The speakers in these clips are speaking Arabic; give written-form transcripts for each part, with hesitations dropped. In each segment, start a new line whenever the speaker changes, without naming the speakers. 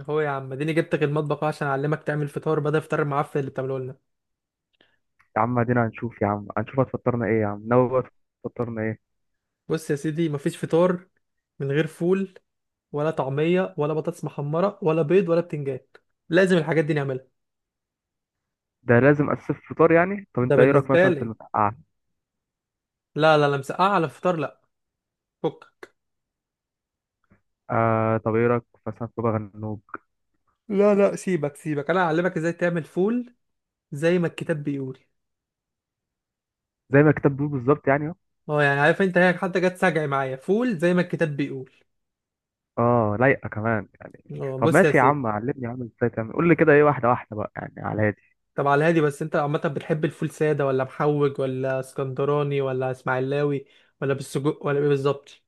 هو يا عم اديني جبتك المطبخ أهو عشان اعلمك تعمل فطار بدل الفطار المعفن اللي بتعمله لنا.
يا عم ادينا، هنشوف يا عم، هنشوف هتفطرنا ايه يا عم، ناوي بقى تفطرنا ايه؟
بص يا سيدي، مفيش فطار من غير فول ولا طعميه ولا بطاطس محمره ولا بيض ولا بتنجان. لازم الحاجات دي نعملها.
ده لازم، اسف، فطار يعني. طب
ده
انت ايه رايك
بالنسبه
مثلا في
لي.
المسقعه؟
لا لا لا، مسقعه على الفطار؟ لا. فك.
طب ايه رايك مثلا في بابا غنوج؟
لا لا، سيبك سيبك، انا هعلمك ازاي تعمل فول زي ما الكتاب بيقول.
زي ما الكتاب بيقول بالظبط يعني اهو.
اه يعني عارف انت، هي حتى جت سجعي معايا، فول زي ما الكتاب بيقول.
اه، لايقه كمان يعني.
اه
طب
بص يا
ماشي يا
سيدي.
عم، علمني يا عم ازاي تعمل، قول لي كده ايه، واحده واحده بقى يعني على هادي.
طب على الهادي، بس انت عامة بتحب الفول سادة ولا محوج ولا اسكندراني ولا اسماعيلاوي ولا بالسجق ولا ايه بالظبط؟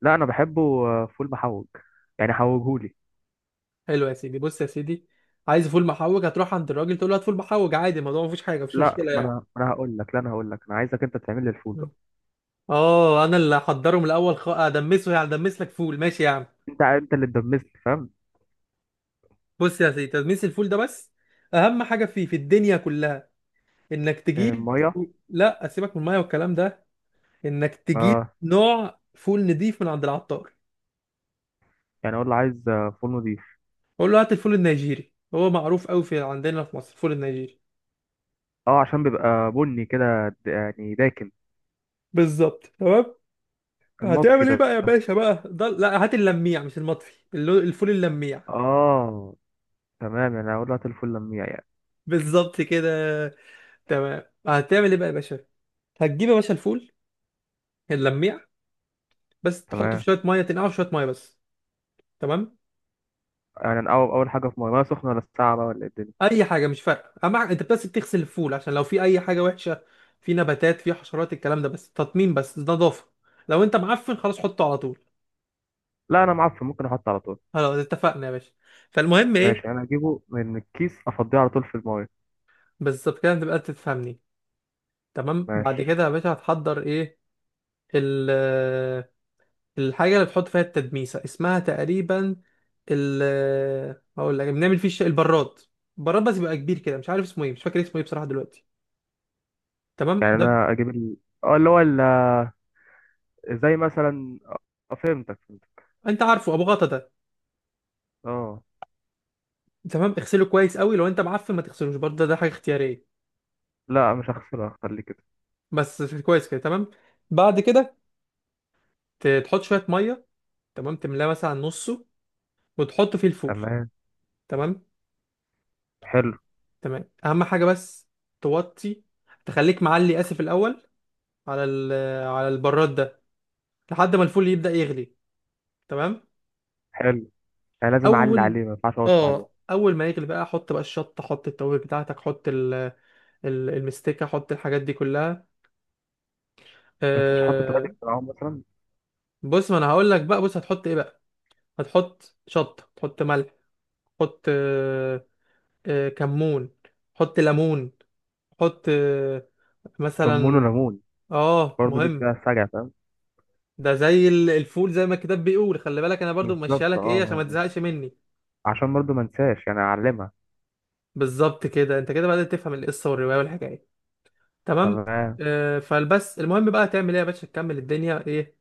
لا انا بحبه. فول محوج، يعني حوجهولي.
حلو يا سيدي، بص يا سيدي، عايز فول محوج. هتروح عند الراجل تقول له هات فول محوج، عادي، الموضوع مفيش حاجة، مفيش
لا
مشكلة
ما
يعني.
انا ما انا هقول لك، لا، انا هقول لك انا عايزك انت تعمل لي الفول بقى.
اه انا اللي هحضره من الاول. ادمسه يعني، ادمس لك فول، ماشي يا عم.
انت اللي تدمسني، فاهم؟
بص يا سيدي، تدميس الفول ده بس اهم حاجة فيه في الدنيا كلها. انك
آه،
تجيب،
ميه.
لا سيبك من المية والكلام ده، انك تجيب
اه،
نوع فول نضيف من عند العطار.
يعني اقول له عايز فول نضيف.
بقول له هات الفول النيجيري، هو معروف قوي في عندنا في مصر الفول النيجيري.
اه، عشان بيبقى بني كده، يعني داكن.
بالظبط تمام.
المطفي
هتعمل ايه
ده؟
بقى يا باشا بقى؟ ده لا، هات اللميع مش المطفي. الفول اللميع.
اه. تمام، يعني اقول لك الفل لميع يعني.
بالظبط كده تمام. هتعمل ايه بقى يا باشا؟ هتجيب يا باشا الفول اللميع، بس تحطه في
تمام.
شويه ميه، تنقعه في شويه ميه بس. تمام.
يعني أنا اول اول حاجه في ميه، ميه سخنه؟ ولا الساعه بقى ولا إيه الدنيا؟
اي حاجه مش فارقه، اما انت بس بتغسل الفول عشان لو في اي حاجه وحشه، في نباتات، في حشرات، الكلام ده، بس تطمين، بس نظافه. لو انت معفن خلاص حطه على طول.
لا انا معفن، ممكن احط على طول.
خلاص اتفقنا يا باشا. فالمهم
ماشي،
ايه؟
انا اجيبه من الكيس افضيه على طول في الميه.
بالظبط كده، تبقى أنت تفهمني. تمام. بعد
ماشي.
كده يا باشا هتحضر ايه؟ ال الحاجة اللي بتحط فيها التدميسة اسمها تقريبا ال هقول لك، بنعمل فيه البراد. البراد بس يبقى كبير كده، مش عارف اسمه ايه، مش فاكر اسمه ايه بصراحة دلوقتي. تمام
يعني
ده.
انا اجيب اه اللي هو زي مثلا فهمتك فهمتك.
انت عارفه ابو غطا ده.
اه.
تمام، اغسله كويس قوي، لو انت معفن ما تغسلوش برضه، ده حاجة اختيارية.
لا مش هغسله، هخليه كده.
بس كويس كده. تمام بعد كده، تحط شوية مية، تمام، تملاه مثلا نصه، وتحط فيه الفول.
تمام.
تمام.
حلو.
تمام اهم حاجه بس، توطي، تخليك معلي، اسف، الاول على ال... على البراد ده، لحد ما الفول يبدا يغلي. تمام.
حلو، يعني لازم اعلي
اول
عليه، ما ينفعش احط عليه.
اه اول ما يغلي بقى، حط بقى الشطه، حط التوابل بتاعتك، حط المستكه، حط الحاجات دي كلها.
ما ينفعش احط تراب
أه...
معاهم مثلا؟
بص، ما انا هقول لك بقى، بص هتحط ايه بقى. هتحط شطه، تحط ملح، تحط كمون، حط ليمون، حط
كمون
مثلا.
وليمون،
اه
برضه دي
مهم.
فيها سجع، فاهم؟
ده زي الفول زي ما الكتاب بيقول، خلي بالك انا برضو ممشيها
بالظبط،
لك ايه، عشان ما
اه يعني
تزهقش مني.
عشان برضو ما انساش يعني اعلمها.
بالظبط كده، انت كده بدأت تفهم القصه والروايه والحكايه. تمام.
تمام.
فالبس المهم بقى، تعمل ايه يا باشا، تكمل الدنيا ايه؟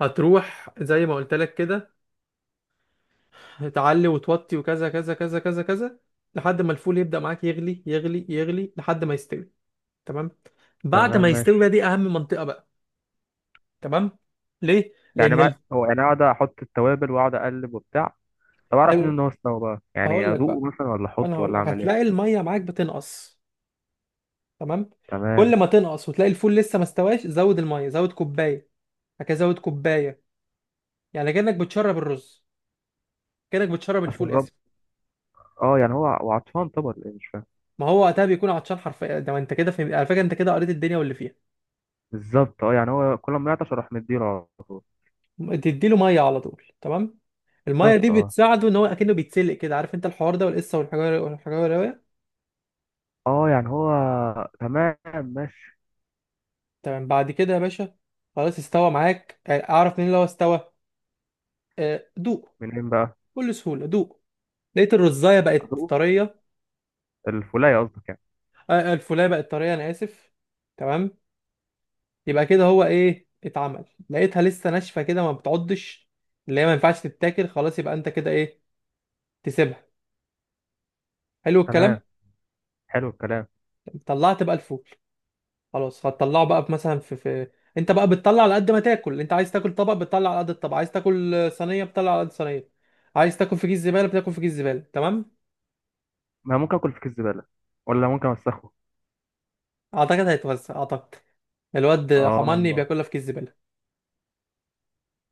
هتروح زي ما قلت لك كده، تعلي وتوطي وكذا كذا كذا كذا كذا لحد ما الفول يبدأ معاك يغلي يغلي يغلي لحد ما يستوي. تمام. بعد
تمام،
ما يستوي بقى،
ماشي.
دي اهم منطقه بقى. تمام. ليه؟
يعني
لان
هو يعني اقعد احط التوابل واقعد اقلب وبتاع. طب اعرف منين ان
أيوة،
هو استوى بقى؟ يعني
هقول لك بقى.
ادوقه مثلا ولا
انا
احطه
هقول
ولا
لك،
اعمل
هتلاقي
ايه؟
الميه معاك بتنقص. تمام.
تمام.
كل ما تنقص وتلاقي الفول لسه ما استواش، زود الميه، زود كوبايه، هكذا، زود كوبايه. يعني كانك بتشرب الرز، كانك بتشرب الفول،
اشرب.
اسف.
اه، يعني هو وعطشان طبعا، ليه مش فاهم.
ما هو وقتها بيكون عطشان حرفيا. ده انت كده فهمت على فكره، انت كده قريت الدنيا واللي فيها.
بالظبط، اه يعني هو كل ما يعطش اروح مديله على طول.
تديله ميه على طول. تمام. الميه دي
بالظبط، اه
بتساعده ان هو اكنه بيتسلق كده، عارف انت الحوار ده والقصه والحجاره والحجاره.
اه يعني هو. تمام. ماشي.
تمام. بعد كده يا باشا، خلاص استوى معاك. اعرف منين لو استوى؟ دوق.
منين بقى؟
بكل سهوله دوق. لقيت الرزايه بقت
ادوقه؟
طريه،
الفولايه قصدك يعني.
الفولايه بقت طريه، انا اسف. تمام. يبقى كده هو ايه اتعمل؟ لقيتها لسه ناشفه كده، ما بتعضش، اللي هي ما ينفعش تتاكل، خلاص يبقى انت كده ايه، تسيبها. حلو الكلام.
تمام. حلو الكلام.
طلعت بقى الفول. خلاص هتطلعه بقى في، مثلا، في انت بقى بتطلع على قد ما تاكل. انت عايز تاكل طبق، بتطلع على قد الطبق، عايز تاكل صينيه، بتطلع على قد الصينيه، عايز تاكل في كيس زباله، بتاكل في كيس زباله. تمام.
ما ممكن اكل في كيس زباله، ولا ممكن اوسخه.
اعتقد هيتوزع اعتقد. الواد حماني
اه.
بياكلها في كيس زباله.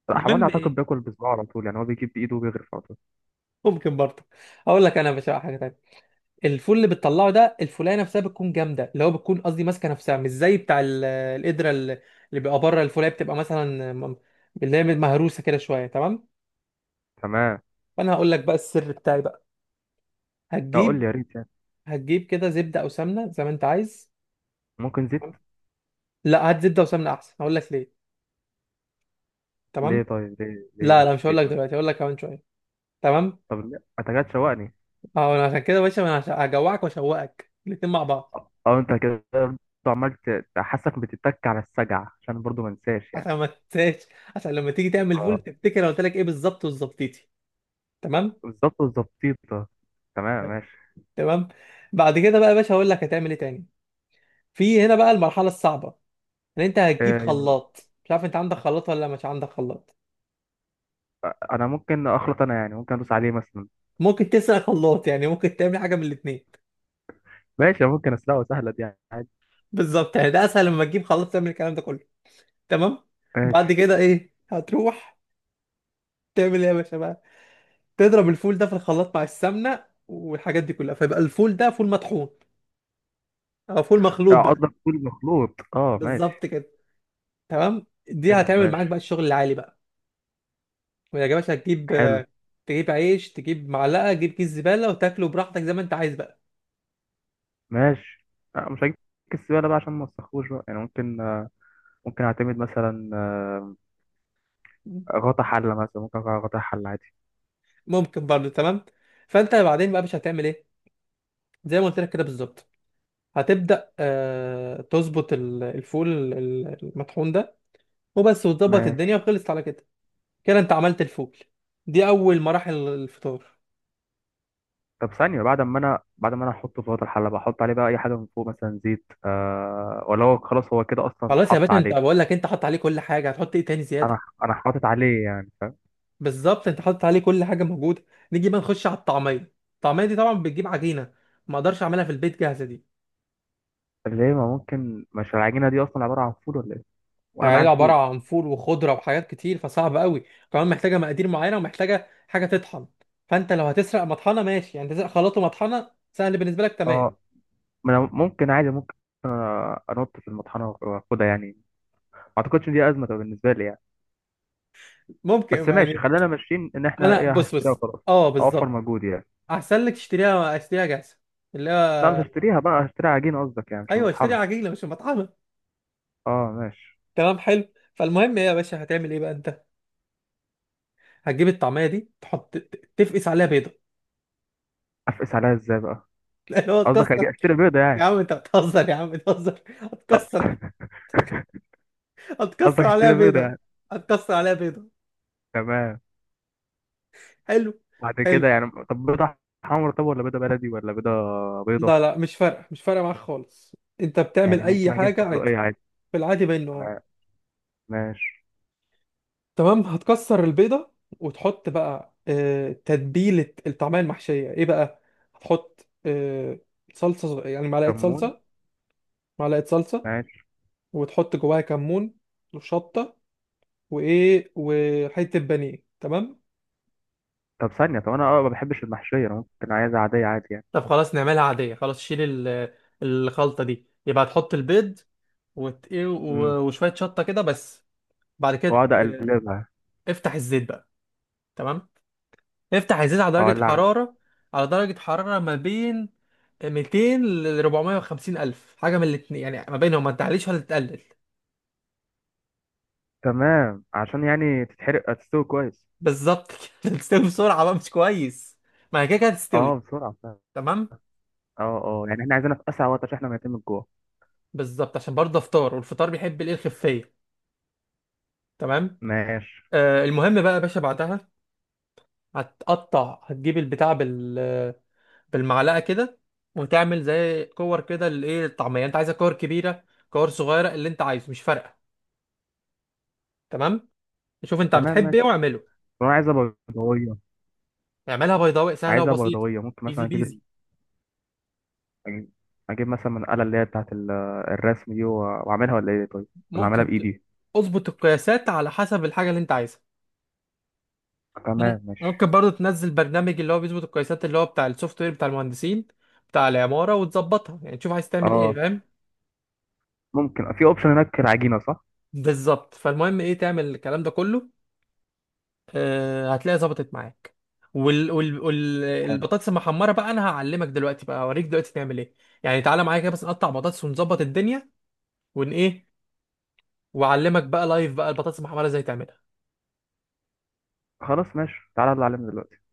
لا، حماني
المهم
اعتقد
ايه؟
بياكل بصباعه على طول، يعني هو بيجيب بايده وبيغرف على طول.
ممكن برضه. اقول لك انا يا باشا حاجه تانية، الفول اللي بتطلعه ده، الفولايه نفسها بتكون جامده، اللي هو بتكون قصدي ماسكه نفسها، مش زي بتاع القدره اللي بيبقى بره الفولايه، بتبقى مثلا اللي هي مهروسه كده شويه. تمام.
تمام.
فانا هقول لك بقى السر بتاعي بقى.
لا قول
هتجيب
لي، يا ريت يعني.
هتجيب كده زبده او سمنه زي ما انت عايز.
ممكن زيت.
تمام؟ لا، هات زبده وسمنه احسن، هقول لك ليه.
ليه؟
تمام.
طيب ليه
لا لا،
مش
مش هقول
زيت
لك
مثلا؟
دلوقتي، هقول لك كمان شويه. تمام.
طب ليه انت كده تشوقني؟
اه انا عشان كده يا باشا، انا هجوعك واشوقك الاتنين مع بعض.
اه. انت كده برضه عمال تحسك بتتك على السجع، عشان برضه ما انساش يعني.
عشان ما تنساش، عشان لما تيجي تعمل فول
اه،
تفتكر انا قلت لك ايه بالظبط وظبطيتي. تمام.
بالظبط، بالظبط. تمام، ماشي.
تمام بعد كده بقى يا باشا، هقول لك هتعمل ايه تاني. في هنا بقى المرحله الصعبه، ان انت هتجيب
آه،
خلاط، مش عارف انت عندك خلاط ولا مش عندك خلاط.
انا ممكن اخلط انا، يعني ممكن ادوس عليه مثلا.
ممكن تسرق خلاط يعني، ممكن تعمل حاجه من الاثنين.
ماشي، ممكن اسلقه، سهله دي يعني عادي.
بالظبط يعني، ده اسهل لما تجيب خلاط، تعمل الكلام ده كله. تمام. بعد
ماشي.
كده ايه، هتروح تعمل ايه يا باشا بقى؟ تضرب الفول ده في الخلاط مع السمنه والحاجات دي كلها، فيبقى الفول ده فول مطحون او فول مخلوط بقى.
قصدك كل مخلوط، اه
بالظبط
ماشي.
كده. تمام، دي
حلو
هتعمل معاك
ماشي.
بقى الشغل العالي بقى. ما عجبكش، هتجيب،
حلو.
تجيب عيش، تجيب معلقه، تجيب كيس زباله، وتاكله براحتك زي ما انت عايز بقى.
ماشي. مش هجيب السبالة بقى، عشان ما تسخوش بقى يعني. ممكن ممكن اعتمد مثلا، غطا حلة مثلا. ممكن أقع غطا حلة عادي.
ممكن برضه. تمام. فانت بعدين بقى مش هتعمل ايه؟ زي ما قلت لك كده بالظبط. هتبدا تظبط الفول المطحون ده وبس، وتظبط الدنيا،
ماشي.
وخلصت على كده. كده انت عملت الفول، دي اول مراحل الفطار.
طب ثانية، بعد ما انا احطه في غطا الحلة، بحط عليه بقى اي حاجة من فوق مثلا زيت، ولا هو خلاص، هو كده اصلا
خلاص يا
اتحط
باشا انت،
عليه؟
بقول لك انت حط عليه كل حاجه، هتحط ايه تاني
انا
زياده؟
انا حاطط عليه يعني، فاهم؟
بالظبط، انت حاطط عليه كل حاجه موجوده. نيجي بقى نخش على الطعميه. الطعميه دي طبعا بتجيب عجينه، ما اقدرش اعملها في البيت جاهزه دي.
طب ليه؟ ما ممكن؟ مش العجينة دي اصلا عبارة عن فول ولا ايه؟ وانا
يعني
معايا
عباره
الفول.
عن فول وخضره وحاجات كتير، فصعب قوي، كمان محتاجه مقادير معينه، ومحتاجه حاجه تطحن. فانت لو هتسرق مطحنه ماشي، يعني تسرق خلاط ومطحنه سهل بالنسبه لك. تمام.
اه، ما أنا ممكن عادي، ممكن انط في المطحنة واخدها يعني. ما اعتقدش ان دي ازمة بالنسبة لي يعني. بس
ممكن
ماشي،
يعني.
خلينا ماشيين ان احنا
انا
ايه،
بص
هشتريها
بص،
وخلاص.
اه
اوفر
بالظبط،
مجهود يعني.
احسن لك تشتريها، اشتريها جاهزه، اللي هو،
لا مش هشتريها بقى، هشتري عجينه قصدك يعني، مش
ايوه، اشتري
مطحنه.
عجينه مش مطحنه.
اه ماشي.
تمام حلو. فالمهم ايه يا باشا، هتعمل ايه بقى انت؟ هتجيب الطعميه دي، تحط، تفقس عليها بيضه.
افقس عليها ازاي بقى؟
اللي هو
قصدك
تكسر.
اشتري بيضه
يا
يعني؟
عم انت بتهزر يا عم، بتهزر.
آه.
هتكسر
قصدك
هتكسر عليها
اشتري بيضه
بيضه.
يعني.
هتكسر عليها بيضه.
تمام.
حلو.
بعد
حلو.
كده يعني، طب بيضه حمرا طب، ولا بيضه بلدي، ولا بيضه؟ بيضه
لا لا، مش فارقه، مش فارقه معاك خالص. انت بتعمل
يعني
اي
ممكن اجيب
حاجه
فحلوقيه
عادي.
عادي.
في العادي بين النهار.
تمام ماشي.
تمام. هتكسر البيضه وتحط بقى، تتبيله الطعميه المحشيه ايه بقى، هتحط صلصه، يعني معلقه
كمون.
صلصه، معلقه صلصه،
ماشي.
وتحط جواها كمون وشطه وايه وحته بانيه. تمام.
طب ثانيه، انا ما بحبش المحشيه، انا ممكن عايزها عاديه، عادي يعني.
طب خلاص، نعملها عادية، خلاص شيل ال- الخلطة دي، يبقى هتحط البيض إيه
امم
وشوية شطة كده بس. بعد كده،
واقعد اقلبها.
افتح الزيت بقى. تمام. افتح الزيت على درجة
اولعها.
حرارة، ما بين 200 ل 450 ألف، حاجة من الاتنين يعني، ما بينهم، ما تعليش ولا تقلل.
تمام، عشان يعني تتحرق، تستوي كويس.
بالظبط كده. تستوي بسرعة بقى، مش كويس، ما هي كده كده هتستوي.
اه بسرعة فعلا.
تمام.
اه اه، يعني احنا عايزينها في اسرع وقت عشان احنا ميتين من الجوع.
بالظبط، عشان برضه افطار، والفطار بيحب الايه، الخفية. تمام.
ماشي.
المهم بقى يا باشا بعدها، هتقطع، هتجيب البتاع بالمعلقة كده، وتعمل زي كور كده للايه، الطعمية، انت عايزة كور كبيرة، كور صغيرة، اللي انت عايزه مش فارقة. تمام. شوف انت
تمام
بتحب ايه
ماشي.
واعمله.
طب انا عايزة بيضاوية.
اعملها بيضاوي، سهله
عايزة
وبسيطه،
بيضاوية، ممكن مثلا
ايزي
اجيب
بيزي.
ال- اجيب مثلا من الآلة اللي هي بتاعت الرسم دي واعملها، ولا ايه طيب؟ ولا اعملها
ممكن
بايدي.
اظبط القياسات على حسب الحاجه اللي انت عايزها.
تمام
ممكن
ماشي.
برضو تنزل برنامج اللي هو بيظبط القياسات، اللي هو بتاع السوفت وير بتاع المهندسين، بتاع العماره، وتظبطها، يعني تشوف عايز تعمل ايه،
اه
فاهم؟
ممكن، في اوبشن هناك العجينة، صح.
بالظبط. فالمهم ايه، تعمل الكلام ده كله، هتلاقي ظبطت معاك.
حلو.
البطاطس المحمره بقى انا هعلمك دلوقتي بقى، اوريك دلوقتي تعمل ايه. يعني تعالى معايا كده بس، نقطع بطاطس، ونظبط الدنيا، ايه، واعلمك بقى لايف بقى البطاطس المحمره ازاي تعملها.
خلاص ماشي، تعالى اللي علمنا دلوقتي.